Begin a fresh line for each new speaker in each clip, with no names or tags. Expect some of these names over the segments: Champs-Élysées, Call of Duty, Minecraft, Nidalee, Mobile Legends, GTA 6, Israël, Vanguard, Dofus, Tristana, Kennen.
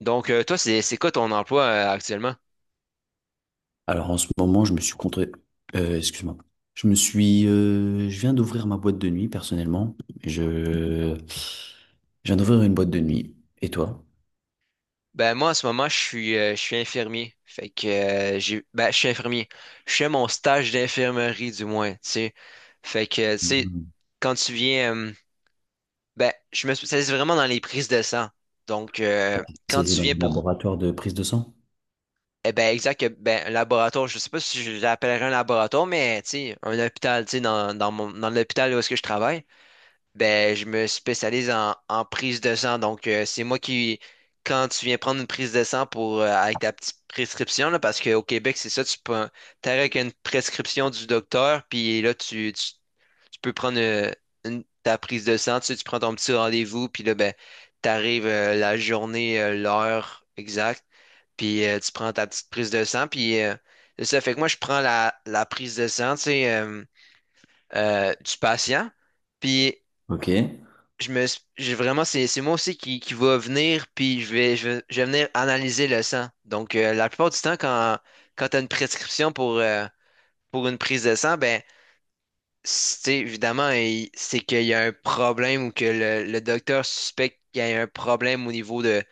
Donc, toi, c'est quoi ton emploi actuellement?
Alors en ce moment, je me suis contre... excuse-moi. Je viens d'ouvrir ma boîte de nuit personnellement. Je, je viens d'ouvrir une boîte de nuit. Et toi?
Ben moi, en ce moment, je suis infirmier. Fait que j'ai ben je suis infirmier. Je fais mon stage d'infirmerie, du moins, tu sais. Fait que tu sais,
Mhm.
quand tu viens, ben je me spécialise vraiment dans les prises de sang. Donc quand
C'est
tu
dans le
viens pour
laboratoire de prise de sang?
eh ben exact ben un laboratoire, je sais pas si je l'appellerais un laboratoire, mais tu sais un hôpital, tu sais dans l'hôpital où est-ce que je travaille. Ben, je me spécialise en prise de sang. Donc, c'est moi qui, quand tu viens prendre une prise de sang pour, avec ta petite prescription, là, parce qu'au Québec, c'est ça, tu peux, t'arrives avec une prescription du docteur, puis là, tu peux prendre ta prise de sang, tu sais, tu prends ton petit rendez-vous, puis là, ben, t'arrives la journée, l'heure exacte, puis tu prends ta petite prise de sang, puis c'est ça, fait que moi, je prends la prise de sang, tu sais, du patient. Puis
Ok.
je me, s- j'ai vraiment, c'est moi aussi qui va venir, puis je vais venir analyser le sang. Donc, la plupart du temps, quand tu as une prescription pour une prise de sang, ben, c'est évidemment, c'est qu'il y a un problème ou que le docteur suspecte qu'il y a un problème au niveau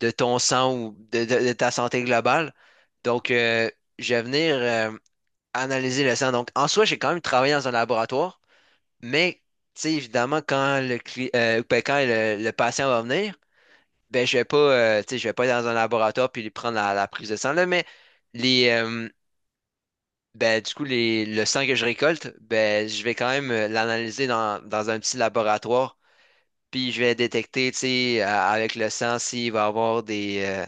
de ton sang ou de ta santé globale. Donc, je vais venir analyser le sang. Donc, en soi, j'ai quand même travaillé dans un laboratoire. Mais, tu sais, évidemment, quand le patient va venir, ben, je vais pas, tu sais, je vais pas aller dans un laboratoire puis lui prendre la prise de sang, là, mais les, ben, du coup, les, le sang que je récolte, ben, je vais quand même l'analyser dans un petit laboratoire, puis je vais détecter, tu sais, avec le sang s'il va avoir des,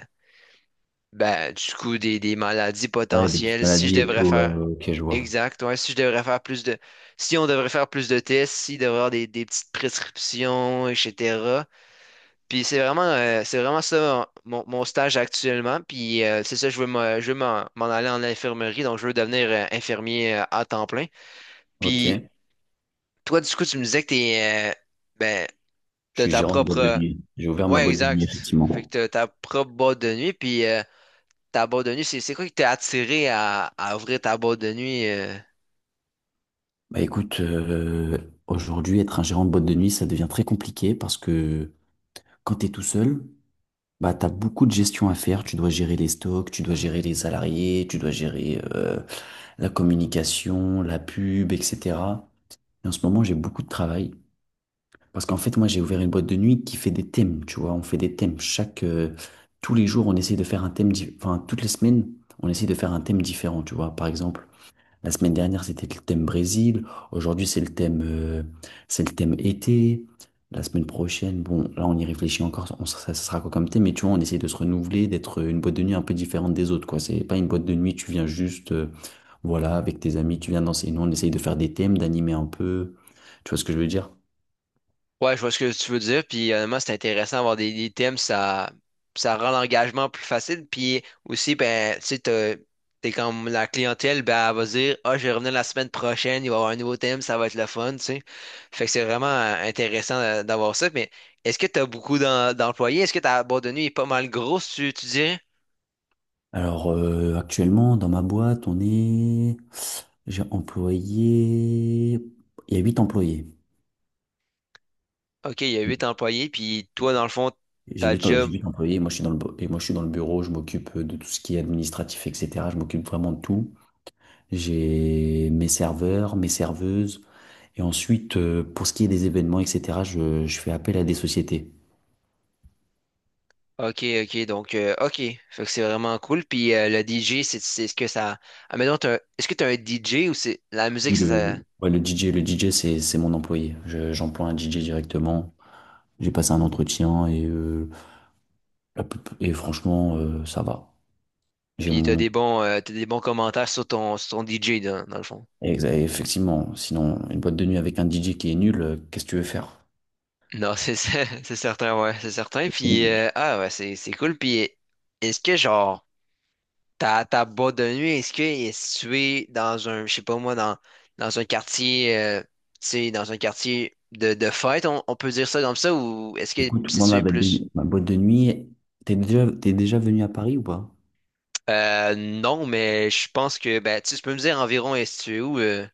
Ben, du coup, des maladies
Ouais, des petites
potentielles, si je
maladies et
devrais
tout. Ouais,
faire.
ouais, ok, je vois.
Exact, ouais, si je devrais faire plus de. Si on devrait faire plus de tests, s'il devrait y avoir des petites prescriptions, etc. Puis c'est vraiment ça mon stage actuellement. Puis c'est ça, je veux m'en aller en infirmerie, donc je veux devenir infirmier à temps plein. Puis
Ok.
toi, du coup, tu me disais que t'es, ben,
Je
t'as
suis
ta
gérant de boîte de
propre.
nuit. J'ai ouvert ma
Ouais,
boîte de nuit
exact. Fait que
effectivement.
t'as ta propre boîte de nuit, puis. Ta boîte de nuit, c'est quoi qui t'a attiré à ouvrir ta boîte de nuit?
Bah écoute, aujourd'hui, être un gérant de boîte de nuit, ça devient très compliqué parce que quand tu es tout seul. Bah, t'as beaucoup de gestion à faire. Tu dois gérer les stocks, tu dois gérer les salariés, tu dois gérer la communication, la pub, etc. Et en ce moment, j'ai beaucoup de travail. Parce qu'en fait, moi, j'ai ouvert une boîte de nuit qui fait des thèmes, tu vois. On fait des thèmes. Tous les jours, on essaie de faire un thème, enfin, toutes les semaines, on essaie de faire un thème différent, tu vois. Par exemple, la semaine dernière, c'était le thème Brésil. Aujourd'hui, c'est le thème été. La semaine prochaine, bon, là, on y réfléchit encore. Ça, ça sera quoi comme thème? Mais tu vois, on essaie de se renouveler, d'être une boîte de nuit un peu différente des autres, quoi. C'est pas une boîte de nuit, tu viens juste, voilà, avec tes amis, tu viens danser. Nous, on essaye de faire des thèmes, d'animer un peu. Tu vois ce que je veux dire?
Ouais, je vois ce que tu veux dire. Puis honnêtement, c'est intéressant d'avoir des thèmes, ça rend l'engagement plus facile. Puis aussi, ben, tu sais, t'es comme la clientèle, ben, elle va se dire, ah, je vais revenir la semaine prochaine, il va y avoir un nouveau thème, ça va être le fun, tu sais. Fait que c'est vraiment intéressant d'avoir ça. Mais est-ce que t'as beaucoup d'employés? Est-ce que ta boîte de nuit est pas mal grosse, tu dirais?
Alors, actuellement, dans ma boîte, on est, j'ai employé, il y a huit employés.
Ok, il y a huit employés, puis toi, dans le fond,
J'ai
ta
huit j'ai
job.
huit employés, moi je suis dans le bureau, je m'occupe de tout ce qui est administratif, etc. Je m'occupe vraiment de tout. J'ai mes serveurs, mes serveuses. Et ensuite, pour ce qui est des événements, etc., je fais appel à des sociétés.
OK, OK, donc, OK. Fait que c'est vraiment cool. Puis le DJ, c'est ce que ça. Ah, mais non, est-ce que tu as un DJ ou c'est la musique, ça...
Ouais, le DJ, le DJ, c'est mon employé. J'emploie un DJ directement. J'ai passé un entretien et franchement, ça va. J'ai
Puis
mon.
t'as des bons commentaires sur ton DJ, dans le fond.
Effectivement, sinon, une boîte de nuit avec un DJ qui est nul, qu'est-ce que tu veux faire?
Non, c'est ça, c'est certain, ouais, c'est certain. Puis, ah, ouais, c'est cool. Puis, est-ce que, genre, ta boîte de nuit, est-ce que est située dans un, je sais pas moi, dans un quartier, tu sais, dans un quartier de fête, on peut dire ça comme ça, ou est-ce que
Écoute,
c'est
moi, ma
situé
boîte
plus.
de, ma boîte de nuit, t'es déjà venu à Paris ou pas?
Non, mais je pense que, ben, tu sais, tu peux me dire environ, est-ce que tu es où?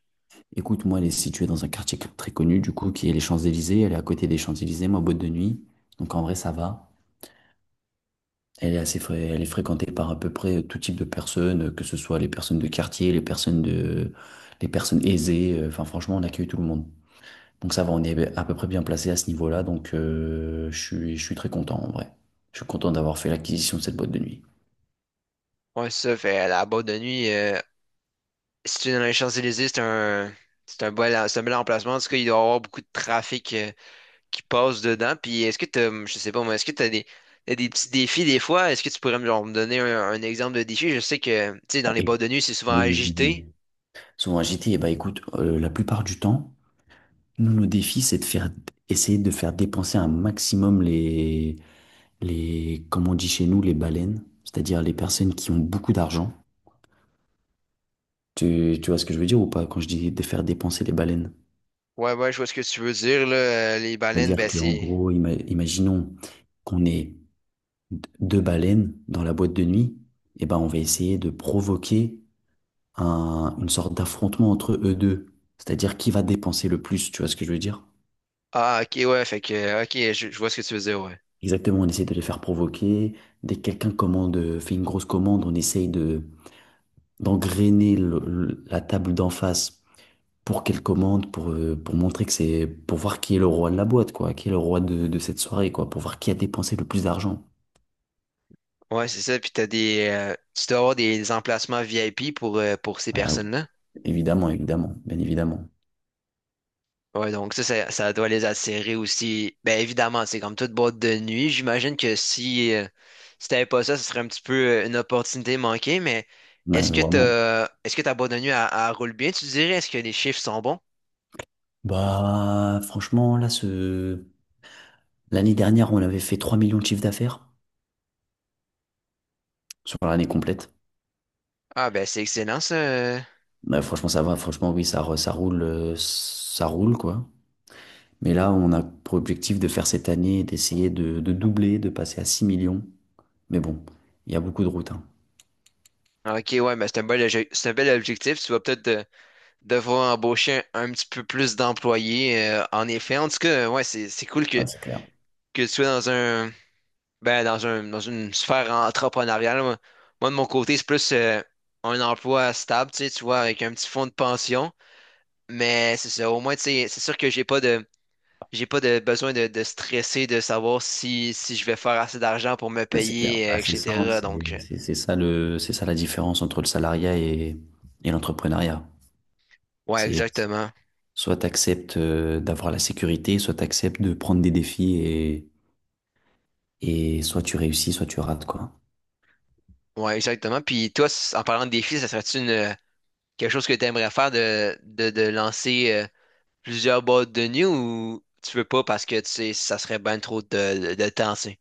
Écoute, moi, elle est située dans un quartier très connu, du coup, qui est les Champs-Élysées. Elle est à côté des Champs-Élysées, ma boîte de nuit. Donc, en vrai, ça va. Elle est fréquentée par à peu près tout type de personnes, que ce soit les personnes de quartier, les personnes aisées. Enfin, franchement, on accueille tout le monde. Donc, ça va, on est à peu près bien placé à ce niveau-là. Donc, je suis très content, en vrai. Je suis content d'avoir fait l'acquisition de cette boîte de nuit.
Ouais, ça fait la boîte de nuit. Si tu es dans les Champs-Élysées, c'est un bel emplacement. En tout cas, il doit y avoir beaucoup de trafic qui passe dedans. Puis, est-ce que tu as, je sais pas moi, est-ce que tu as des, t'as des petits défis des fois? Est-ce que tu pourrais me donner un exemple de défi? Je sais que, tu sais, dans
Ah,
les boîtes de nuit, c'est souvent
oui, oui, oui.
agité.
Souvent agité, et ben écoute, la plupart du temps, nous, nos défis, essayer de faire dépenser un maximum les, comme on dit chez nous, les baleines, c'est-à-dire les personnes qui ont beaucoup d'argent. Tu vois ce que je veux dire ou pas quand je dis de faire dépenser les baleines?
Ouais, ouais, je vois ce que tu veux dire, là. Les baleines,
C'est-à-dire
ben,
qu'en
c'est.
gros, imaginons qu'on ait deux baleines dans la boîte de nuit, et ben on va essayer de provoquer une sorte d'affrontement entre eux deux. C'est-à-dire qui va dépenser le plus, tu vois ce que je veux dire?
Ah, ok, ouais, fait que, ok, je vois ce que tu veux dire, ouais.
Exactement, on essaie de les faire provoquer. Dès que quelqu'un commande, fait une grosse commande, on essaye de d'engrainer la table d'en face pour qu'elle commande, pour pour voir qui est le roi de la boîte, quoi, qui est le roi de cette soirée, quoi, pour voir qui a dépensé le plus d'argent.
Ouais, c'est ça. Puis tu dois avoir des emplacements VIP pour ces
Voilà.
personnes-là.
Évidemment, évidemment, bien évidemment.
Ouais, donc ça doit les attirer aussi. Ben évidemment, c'est comme toute boîte de nuit. J'imagine que si t'avais pas ça, ce serait un petit peu une opportunité manquée. Mais
Ouais, vraiment.
est-ce que ta boîte de nuit, elle, elle roule bien, tu dirais? Est-ce que les chiffres sont bons?
Bah, franchement, là, l'année dernière, on avait fait 3 millions de chiffre d'affaires sur l'année complète.
Ah ben c'est excellent ça.
Bah, franchement, ça va. Franchement, oui, ça roule, quoi. Mais là, on a pour objectif de faire cette année, d'essayer de doubler, de passer à 6 millions. Mais bon, il y a beaucoup de routes, hein.
Ok, ouais, mais c'est un bel objectif. Tu vas peut-être devoir embaucher un petit peu plus d'employés, en effet, en tout cas, ouais, c'est cool
Ouais, c'est clair.
que tu sois dans un ben dans un dans une sphère entrepreneuriale. Moi, de mon côté, c'est plus un emploi stable, tu sais, tu vois, avec un petit fonds de pension. Mais c'est ça, au moins, tu sais, c'est sûr que j'ai pas de besoin de stresser, de savoir si je vais faire assez d'argent pour me
Ouais, c'est clair.
payer,
Bah, c'est ça, hein,
etc. Donc,
c'est ça la différence entre le salariat et l'entrepreneuriat.
ouais,
C'est
exactement.
soit tu acceptes d'avoir la sécurité, soit tu acceptes de prendre des défis et soit tu réussis, soit tu rates, quoi.
Ouais, exactement. Puis toi, en parlant de défis, ça serait-tu une quelque chose que tu aimerais faire de lancer plusieurs boîtes de nuit? Ou tu veux pas parce que tu sais, ça serait bien trop de temps, tu sais.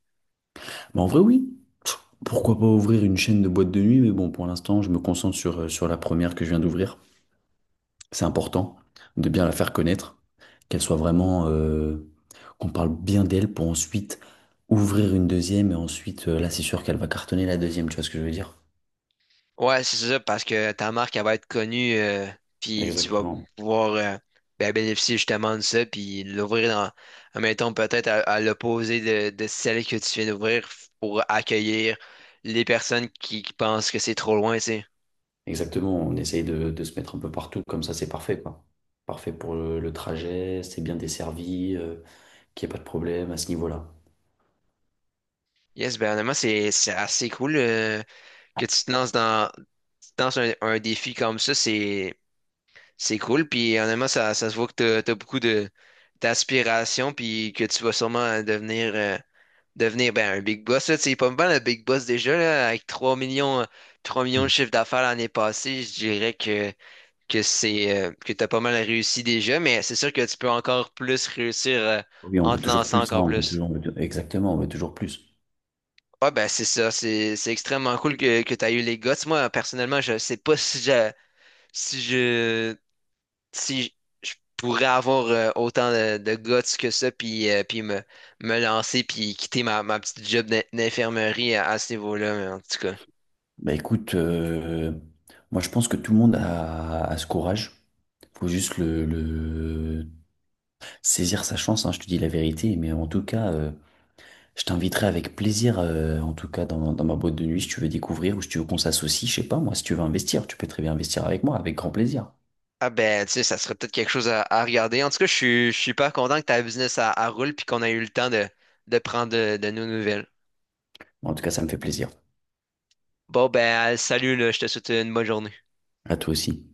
Mais en vrai, oui. Pff, Pourquoi pas ouvrir une chaîne de boîte de nuit, mais bon, pour l'instant, je me concentre sur la première que je viens d'ouvrir. C'est important de bien la faire connaître, qu'elle soit vraiment, qu'on parle bien d'elle pour ensuite ouvrir une deuxième et ensuite, là, c'est sûr qu'elle va cartonner la deuxième, tu vois ce que je veux dire?
Ouais, c'est ça, parce que ta marque, elle va être connue, puis tu vas
Exactement.
pouvoir ben, bénéficier justement de ça, puis l'ouvrir admettons, peut-être à l'opposé de celle que tu viens d'ouvrir pour accueillir les personnes qui pensent que c'est trop loin, tu sais.
Exactement, on essaye de se mettre un peu partout, comme ça, c'est parfait, quoi. Parfait pour le trajet, c'est bien desservi, qu'il n'y ait pas de problème à ce niveau-là.
Yes, ben honnêtement, c'est assez cool que tu te lances un défi comme ça, c'est cool, puis honnêtement, ça se voit que t'as beaucoup de d'aspiration, puis que tu vas sûrement devenir ben, un big boss. Là, tu sais, pas mal le big boss déjà, là, avec 3 millions de
Mm.
chiffre d'affaires l'année passée, je dirais que c'est que t'as pas mal réussi déjà, mais c'est sûr que tu peux encore plus réussir
Oui, on
en
veut
te
toujours
lançant
plus, hein,
encore
on veut
plus.
toujours, on veut- exactement, on veut toujours plus.
Ouais, ben c'est ça, c'est extrêmement cool que tu as eu les guts. Moi, personnellement, je sais pas si je si je pourrais avoir autant de guts que ça, puis me lancer, puis quitter ma petite job d'infirmerie à ce niveau-là, mais en tout cas.
Bah écoute, moi je pense que tout le monde a ce courage. Faut juste saisir sa chance, hein, je te dis la vérité. Mais en tout cas, je t'inviterai avec plaisir, en tout cas dans ma boîte de nuit, si tu veux découvrir ou si tu veux qu'on s'associe, je sais pas, moi, si tu veux investir, tu peux très bien investir avec moi, avec grand plaisir.
Ah ben, tu sais, ça serait peut-être quelque chose à regarder. En tout cas, je suis super content que ta business à roule, puis qu'on a eu le temps de prendre de nos nouvelles.
En tout cas, ça me fait plaisir.
Bon ben, salut, là, je te souhaite une bonne journée.
À toi aussi.